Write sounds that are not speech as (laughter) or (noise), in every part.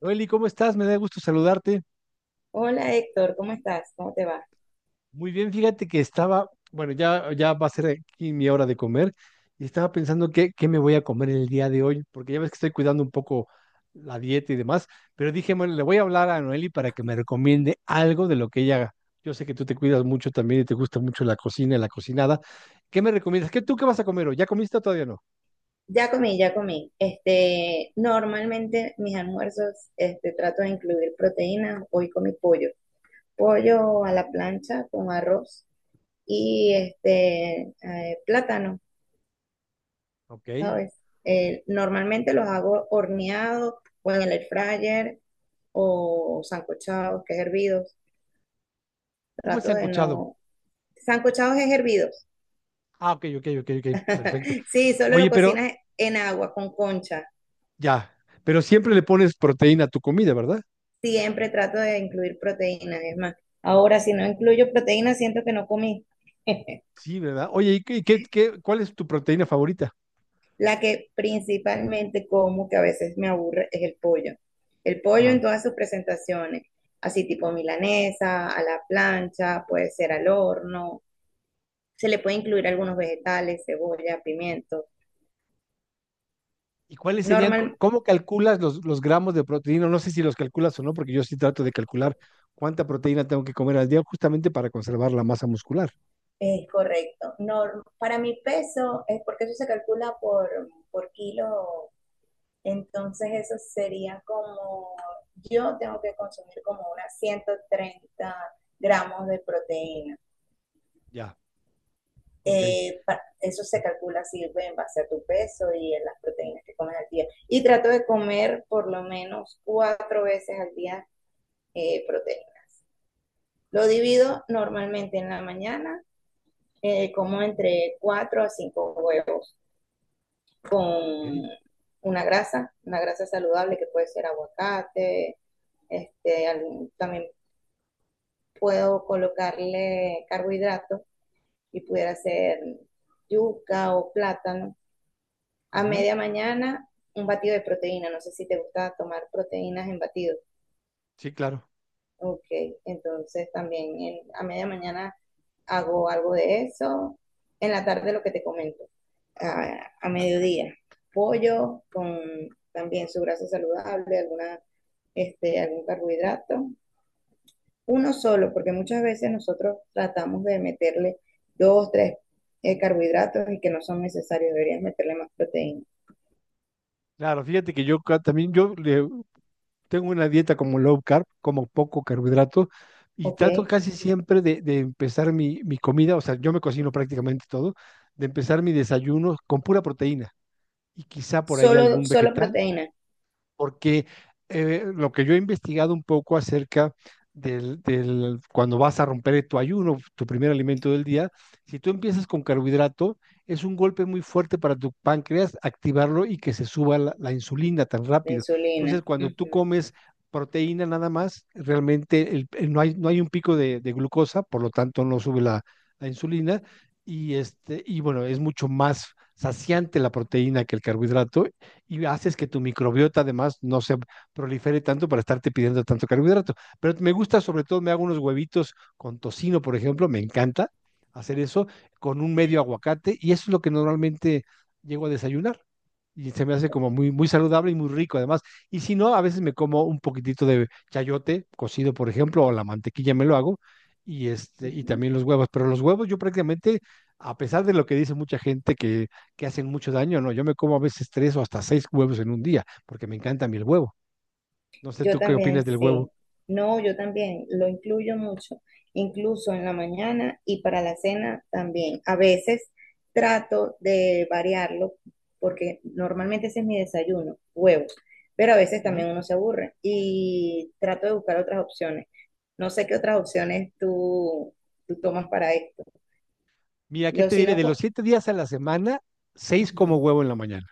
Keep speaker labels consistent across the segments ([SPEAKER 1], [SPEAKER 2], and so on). [SPEAKER 1] Noeli, ¿cómo estás? Me da gusto saludarte.
[SPEAKER 2] Hola Héctor, ¿cómo estás? ¿Cómo te va?
[SPEAKER 1] Muy bien, fíjate que estaba, bueno, ya va a ser aquí mi hora de comer y estaba pensando qué me voy a comer el día de hoy, porque ya ves que estoy cuidando un poco la dieta y demás, pero dije, bueno, le voy a hablar a Noeli para que me recomiende algo de lo que ella haga. Yo sé que tú te cuidas mucho también y te gusta mucho la cocina y la cocinada. ¿Qué me recomiendas? ¿Qué tú qué vas a comer hoy? ¿Ya comiste o todavía no?
[SPEAKER 2] Ya comí. Normalmente mis almuerzos, trato de incluir proteínas. Hoy comí pollo. Pollo a la plancha con arroz y
[SPEAKER 1] ¿No?
[SPEAKER 2] plátano,
[SPEAKER 1] Ok.
[SPEAKER 2] ¿sabes? Normalmente los hago horneados o en el air fryer o sancochados, que es hervidos.
[SPEAKER 1] ¿Cómo se
[SPEAKER 2] Trato
[SPEAKER 1] han
[SPEAKER 2] de
[SPEAKER 1] escuchado?
[SPEAKER 2] no... Sancochados es hervidos.
[SPEAKER 1] Ah, ok, ok, ok, ok, perfecto.
[SPEAKER 2] Sí, solo lo
[SPEAKER 1] Oye, pero
[SPEAKER 2] cocinas en agua con concha.
[SPEAKER 1] ya, pero siempre le pones proteína a tu comida, ¿verdad?
[SPEAKER 2] Siempre trato de incluir proteínas. Es más, ahora si no incluyo proteínas, siento que no comí.
[SPEAKER 1] Sí, ¿verdad? Oye, ¿y cuál es tu proteína favorita?
[SPEAKER 2] La que principalmente como, que a veces me aburre, es el pollo. El pollo en
[SPEAKER 1] Ajá.
[SPEAKER 2] todas sus presentaciones, así tipo milanesa, a la plancha, puede ser al horno. Se le puede incluir algunos vegetales, cebolla, pimiento.
[SPEAKER 1] ¿Y cuáles serían,
[SPEAKER 2] Normal,
[SPEAKER 1] cómo calculas los gramos de proteína? No sé si los calculas o no, porque yo sí trato de calcular cuánta proteína tengo que comer al día justamente para conservar la masa muscular.
[SPEAKER 2] es correcto. Para mi peso, es porque eso se calcula por kilo. Entonces eso sería como, yo tengo que consumir como unas 130 gramos de proteína.
[SPEAKER 1] Ya, ok.
[SPEAKER 2] Eh, Eso se calcula sirve en base a tu peso y en las proteínas que comes al día. Y trato de comer por lo menos cuatro veces al día proteína. Lo divido normalmente en la mañana, como entre cuatro a cinco huevos
[SPEAKER 1] Ok.
[SPEAKER 2] con una grasa saludable que puede ser aguacate, algún, también puedo colocarle carbohidratos y pudiera ser yuca o plátano. A
[SPEAKER 1] Ujú.
[SPEAKER 2] media mañana, un batido de proteína. No sé si te gusta tomar proteínas en batido.
[SPEAKER 1] Sí, claro.
[SPEAKER 2] Ok, entonces también a media mañana hago algo de eso. En la tarde lo que te comento, a mediodía, pollo con también su grasa saludable, alguna, algún carbohidrato, uno solo, porque muchas veces nosotros tratamos de meterle dos, tres carbohidratos y que no son necesarios, deberías meterle más proteína,
[SPEAKER 1] Claro, fíjate que yo también, yo tengo una dieta como low carb, como poco carbohidrato y
[SPEAKER 2] ¿ok?
[SPEAKER 1] trato casi siempre de empezar mi comida, o sea, yo me cocino prácticamente todo, de empezar mi desayuno con pura proteína y quizá por ahí
[SPEAKER 2] Solo,
[SPEAKER 1] algún
[SPEAKER 2] solo
[SPEAKER 1] vegetal
[SPEAKER 2] proteína,
[SPEAKER 1] porque lo que yo he investigado un poco acerca cuando vas a romper tu ayuno, tu primer alimento del día, si tú empiezas con carbohidrato, es un golpe muy fuerte para tu páncreas activarlo y que se suba la insulina tan
[SPEAKER 2] la
[SPEAKER 1] rápido. Entonces,
[SPEAKER 2] insulina.
[SPEAKER 1] cuando tú
[SPEAKER 2] Ujú,
[SPEAKER 1] comes proteína nada más, realmente no hay un pico de glucosa, por lo tanto no sube la insulina y y bueno, es mucho más saciante la proteína que el carbohidrato y haces que tu microbiota además no se prolifere tanto para estarte pidiendo tanto carbohidrato. Pero me gusta, sobre todo, me hago unos huevitos con tocino, por ejemplo, me encanta hacer eso con un medio aguacate y eso es lo que normalmente llego a desayunar y se me hace como muy, muy saludable y muy rico además. Y si no, a veces me como un poquitito de chayote cocido, por ejemplo, o la mantequilla me lo hago, y
[SPEAKER 2] ujú.
[SPEAKER 1] también los huevos. Pero los huevos yo prácticamente, a pesar de lo que dice mucha gente que hacen mucho daño, no, yo me como a veces tres o hasta seis huevos en un día, porque me encanta a mí el huevo. No sé
[SPEAKER 2] Yo
[SPEAKER 1] tú qué opinas
[SPEAKER 2] también,
[SPEAKER 1] del huevo.
[SPEAKER 2] sí. No, yo también lo incluyo mucho, incluso en la mañana y para la cena también. A veces trato de variarlo porque normalmente ese es mi desayuno, huevos, pero a veces
[SPEAKER 1] Ujú.
[SPEAKER 2] también uno se aburre y trato de buscar otras opciones. No sé qué otras opciones tú, tú tomas para esto.
[SPEAKER 1] Mira, ¿qué
[SPEAKER 2] Yo
[SPEAKER 1] te
[SPEAKER 2] si
[SPEAKER 1] diré?
[SPEAKER 2] no,
[SPEAKER 1] De los
[SPEAKER 2] co-
[SPEAKER 1] 7 días a la semana, seis como
[SPEAKER 2] Ujú.
[SPEAKER 1] huevo en la mañana.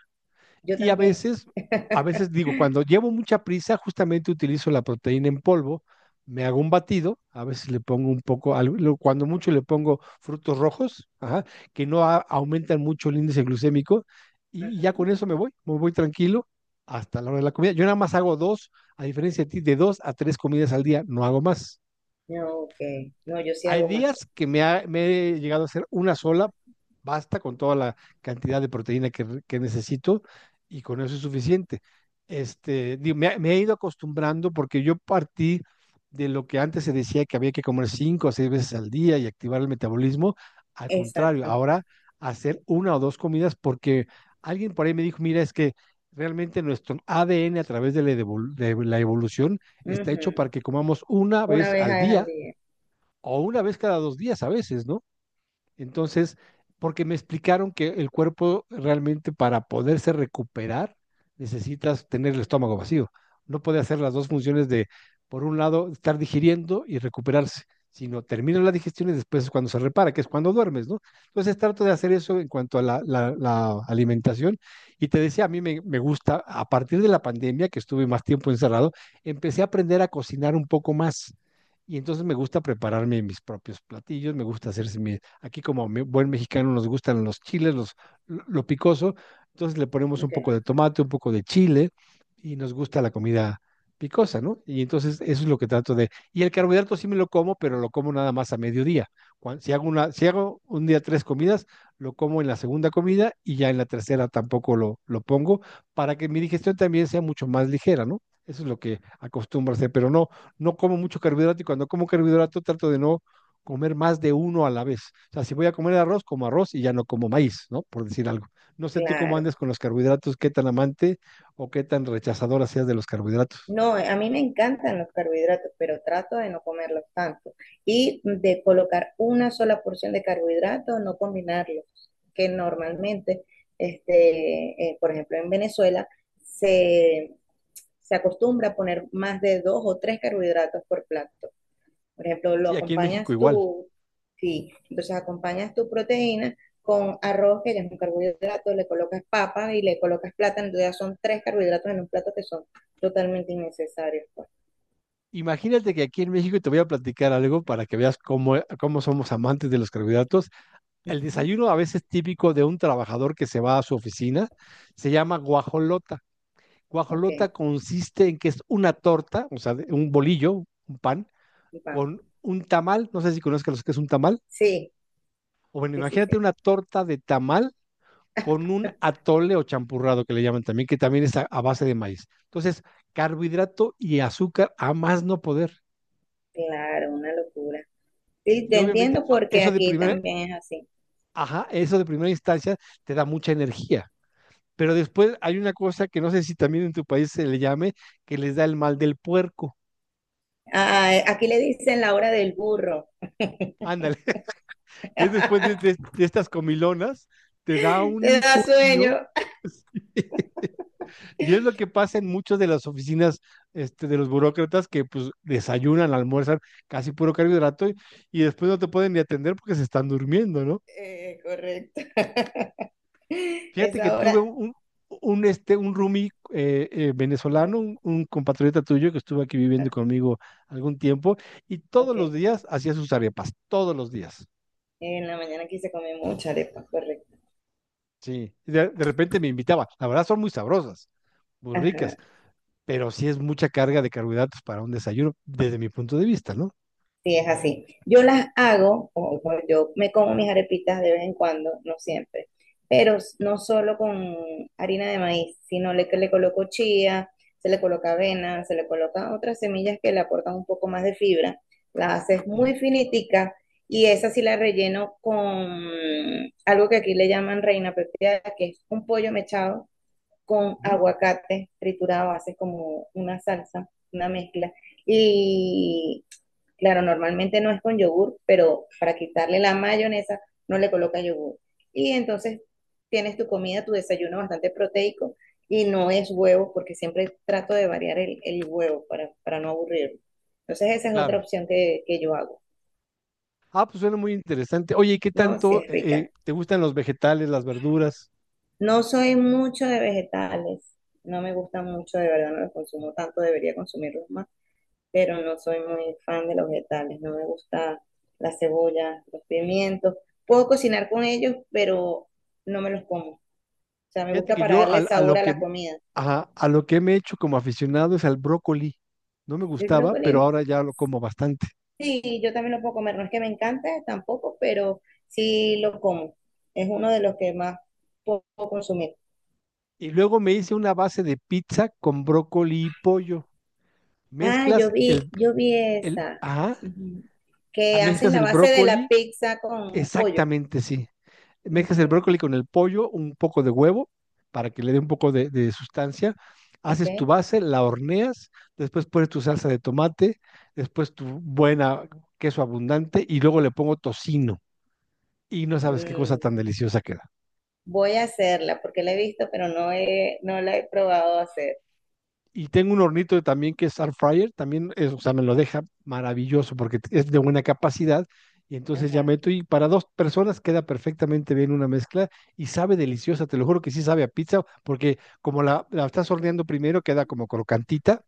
[SPEAKER 2] Yo
[SPEAKER 1] Y a
[SPEAKER 2] también.
[SPEAKER 1] veces, a veces digo, cuando llevo mucha prisa, justamente utilizo la proteína en polvo, me hago un batido, a veces le pongo un poco, cuando mucho le pongo frutos rojos, ajá, que no aumentan mucho el índice glucémico, y ya con
[SPEAKER 2] Ujú.
[SPEAKER 1] eso me voy tranquilo hasta la hora de la comida. Yo nada más hago dos, a diferencia de ti, de dos a tres comidas al día, no hago más.
[SPEAKER 2] No, ok. No, yo sí
[SPEAKER 1] Hay
[SPEAKER 2] hago más.
[SPEAKER 1] días que me he llegado a hacer una sola, basta con toda la cantidad de proteína que necesito y con eso es suficiente. Digo, me he ido acostumbrando porque yo partí de lo que antes se decía que había que comer cinco o seis veces al día y activar el metabolismo. Al contrario,
[SPEAKER 2] Exacto.
[SPEAKER 1] ahora hacer una o dos comidas porque alguien por ahí me dijo, mira, es que realmente nuestro ADN a través de la evolución está hecho
[SPEAKER 2] Ujú.
[SPEAKER 1] para que comamos una
[SPEAKER 2] Una
[SPEAKER 1] vez
[SPEAKER 2] vez
[SPEAKER 1] al
[SPEAKER 2] al
[SPEAKER 1] día
[SPEAKER 2] día.
[SPEAKER 1] o una vez cada 2 días a veces, ¿no? Entonces, porque me explicaron que el cuerpo realmente para poderse recuperar necesitas tener el estómago vacío. No puede hacer las dos funciones de, por un lado, estar digiriendo y recuperarse, sino termina la digestión y después es cuando se repara, que es cuando duermes, ¿no? Entonces trato de hacer eso en cuanto a la alimentación. Y te decía, a mí me gusta, a partir de la pandemia, que estuve más tiempo encerrado, empecé a aprender a cocinar un poco más. Y entonces me gusta prepararme mis propios platillos, me gusta hacerse mi. Aquí como buen mexicano nos gustan los chiles, los, lo picoso, entonces le ponemos un
[SPEAKER 2] Ok.
[SPEAKER 1] poco de tomate, un poco de chile y nos gusta la comida picosa, ¿no? Y entonces eso es lo que trato de. Y el carbohidrato sí me lo como, pero lo como nada más a mediodía. Si hago un día tres comidas, lo como en la segunda comida y ya en la tercera tampoco lo pongo para que mi digestión también sea mucho más ligera, ¿no? Eso es lo que acostumbro a hacer, pero no, no como mucho carbohidrato y cuando como carbohidrato trato de no comer más de uno a la vez. O sea, si voy a comer arroz, como arroz y ya no como maíz, ¿no? Por decir algo. No sé tú cómo
[SPEAKER 2] Claro.
[SPEAKER 1] andes con los carbohidratos, qué tan amante o qué tan rechazadora seas de los carbohidratos.
[SPEAKER 2] No, a mí me encantan los carbohidratos, pero trato de no comerlos tanto y de colocar una sola porción de carbohidratos, no combinarlos, que normalmente, por ejemplo, en Venezuela se, se acostumbra a poner más de dos o tres carbohidratos por plato. Por ejemplo, lo
[SPEAKER 1] Sí, aquí en México
[SPEAKER 2] acompañas
[SPEAKER 1] igual.
[SPEAKER 2] tú, sí, entonces acompañas tu proteína con arroz, que ya es un carbohidrato, le colocas papa y le colocas plátano, entonces ya son tres carbohidratos en un plato que son totalmente innecesarios, pues.
[SPEAKER 1] Imagínate que aquí en México te voy a platicar algo para que veas cómo somos amantes de los carbohidratos. El
[SPEAKER 2] Ujú.
[SPEAKER 1] desayuno a veces típico de un trabajador que se va a su oficina se llama guajolota.
[SPEAKER 2] Ok,
[SPEAKER 1] Guajolota consiste en que es una torta, o sea, un bolillo, un pan,
[SPEAKER 2] y pan.
[SPEAKER 1] con un tamal, no sé si conozcas lo que es un tamal,
[SPEAKER 2] Sí,
[SPEAKER 1] o bueno,
[SPEAKER 2] sí, sí,
[SPEAKER 1] imagínate
[SPEAKER 2] sí.
[SPEAKER 1] una torta de tamal con un atole o champurrado que le llaman también, que también es a base de maíz. Entonces, carbohidrato y azúcar a más no poder.
[SPEAKER 2] Claro, una locura. Sí,
[SPEAKER 1] Y
[SPEAKER 2] te
[SPEAKER 1] obviamente
[SPEAKER 2] entiendo porque aquí también es así.
[SPEAKER 1] ajá, eso de primera instancia te da mucha energía. Pero después hay una cosa que no sé si también en tu país se le llame, que les da el mal del puerco.
[SPEAKER 2] Aquí le dicen la hora del burro.
[SPEAKER 1] Ándale, (laughs) que es después de estas comilonas, te da
[SPEAKER 2] (laughs) Te
[SPEAKER 1] un
[SPEAKER 2] da
[SPEAKER 1] sueño.
[SPEAKER 2] sueño.
[SPEAKER 1] (laughs) Y es lo que pasa en muchas de las oficinas de los burócratas que pues desayunan, almuerzan casi puro carbohidrato y después no te pueden ni atender porque se están durmiendo, ¿no?
[SPEAKER 2] Correcto. (laughs)
[SPEAKER 1] Fíjate que
[SPEAKER 2] Esa
[SPEAKER 1] tuve
[SPEAKER 2] hora.
[SPEAKER 1] un roomie venezolano, un compatriota tuyo que estuvo aquí viviendo
[SPEAKER 2] Ah,
[SPEAKER 1] conmigo algún tiempo y todos los
[SPEAKER 2] ok.
[SPEAKER 1] días hacía sus arepas, todos los días.
[SPEAKER 2] En la mañana aquí se come mucha arepa, correcto.
[SPEAKER 1] Sí, de repente me invitaba. La verdad son muy sabrosas, muy ricas,
[SPEAKER 2] Ajá,
[SPEAKER 1] pero sí es mucha carga de carbohidratos para un desayuno desde mi punto de vista, ¿no?
[SPEAKER 2] sí, es así. Yo las hago, o yo me como mis arepitas de vez en cuando, no siempre, pero no solo con harina de maíz, que le coloco chía, se le coloca avena, se le coloca otras semillas que le aportan un poco más de fibra. La haces
[SPEAKER 1] Ujú,
[SPEAKER 2] muy finitica y esa sí la relleno con algo que aquí le llaman reina pepiada, que es un pollo mechado con
[SPEAKER 1] ujú,
[SPEAKER 2] aguacate triturado, haces como una salsa, una mezcla. Y claro, normalmente no es con yogur, pero para quitarle la mayonesa no le coloca yogur. Y entonces tienes tu comida, tu desayuno bastante proteico y no es huevo, porque siempre trato de variar el huevo para no aburrirme. Entonces esa es otra
[SPEAKER 1] claro.
[SPEAKER 2] opción que yo hago,
[SPEAKER 1] Ah, pues suena muy interesante. Oye, ¿y qué
[SPEAKER 2] ¿no? Si
[SPEAKER 1] tanto
[SPEAKER 2] es rica.
[SPEAKER 1] te gustan los vegetales, las verduras?
[SPEAKER 2] No soy mucho de vegetales, no me gustan mucho, de verdad no los consumo tanto, debería consumirlos más. Pero no soy muy fan de los vegetales, no me gusta la cebolla, los pimientos. Puedo cocinar con ellos, pero no me los como. O sea, me
[SPEAKER 1] Fíjate
[SPEAKER 2] gusta
[SPEAKER 1] que
[SPEAKER 2] para
[SPEAKER 1] yo
[SPEAKER 2] darle
[SPEAKER 1] al- a,
[SPEAKER 2] sabor
[SPEAKER 1] lo
[SPEAKER 2] a
[SPEAKER 1] que
[SPEAKER 2] la comida.
[SPEAKER 1] ajá, lo que me he hecho como aficionado es al brócoli. No me
[SPEAKER 2] El
[SPEAKER 1] gustaba, pero
[SPEAKER 2] brócoli,
[SPEAKER 1] ahora ya lo como bastante.
[SPEAKER 2] sí, yo también lo puedo comer, no es que me encante tampoco, pero sí lo como. Es uno de los que más puedo consumir.
[SPEAKER 1] Y luego me hice una base de pizza con brócoli y pollo.
[SPEAKER 2] Ah, yo
[SPEAKER 1] Mezclas
[SPEAKER 2] vi,
[SPEAKER 1] el,
[SPEAKER 2] yo vi
[SPEAKER 1] el,
[SPEAKER 2] esa,
[SPEAKER 1] ajá,
[SPEAKER 2] ujú,
[SPEAKER 1] ah,
[SPEAKER 2] que haces
[SPEAKER 1] mezclas
[SPEAKER 2] la
[SPEAKER 1] el
[SPEAKER 2] base de la
[SPEAKER 1] brócoli,
[SPEAKER 2] pizza con pollo.
[SPEAKER 1] exactamente, sí. Mezclas el
[SPEAKER 2] Ujú.
[SPEAKER 1] brócoli con el pollo, un poco de huevo, para que le dé un poco de sustancia. Haces tu
[SPEAKER 2] Ok.
[SPEAKER 1] base, la horneas, después pones tu salsa de tomate, después tu buena queso abundante y luego le pongo tocino. Y no sabes qué cosa
[SPEAKER 2] Mm.
[SPEAKER 1] tan deliciosa queda.
[SPEAKER 2] Voy a hacerla porque la he visto, pero no la he probado a hacer.
[SPEAKER 1] Y tengo un hornito también que es air fryer, también, es, o sea, me lo deja maravilloso porque es de buena capacidad. Y entonces ya
[SPEAKER 2] Ajá,
[SPEAKER 1] meto y para dos personas queda perfectamente bien una mezcla y sabe deliciosa, te lo juro que sí sabe a pizza, porque como la estás horneando primero queda como crocantita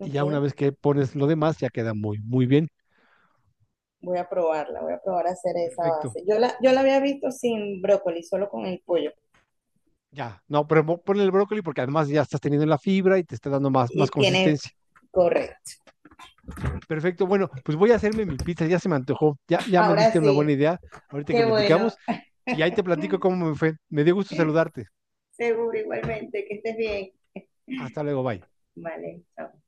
[SPEAKER 1] y ya una vez que pones lo demás ya queda muy, muy bien.
[SPEAKER 2] Voy a probarla, voy a probar a hacer esa
[SPEAKER 1] Perfecto.
[SPEAKER 2] base. Yo la había visto sin brócoli, solo con el pollo.
[SPEAKER 1] Ya, no, pero ponle el brócoli porque además ya estás teniendo la fibra y te está dando más, más
[SPEAKER 2] Y tiene
[SPEAKER 1] consistencia.
[SPEAKER 2] correcto.
[SPEAKER 1] Perfecto, bueno, pues voy a hacerme mi pizza, ya se me antojó, ya me diste
[SPEAKER 2] Ahora
[SPEAKER 1] una buena
[SPEAKER 2] sí,
[SPEAKER 1] idea, ahorita que
[SPEAKER 2] qué bueno.
[SPEAKER 1] platicamos, y ahí te platico cómo me fue. Me dio gusto saludarte.
[SPEAKER 2] Seguro igualmente, que estés bien.
[SPEAKER 1] Hasta luego, bye.
[SPEAKER 2] Vale, chao.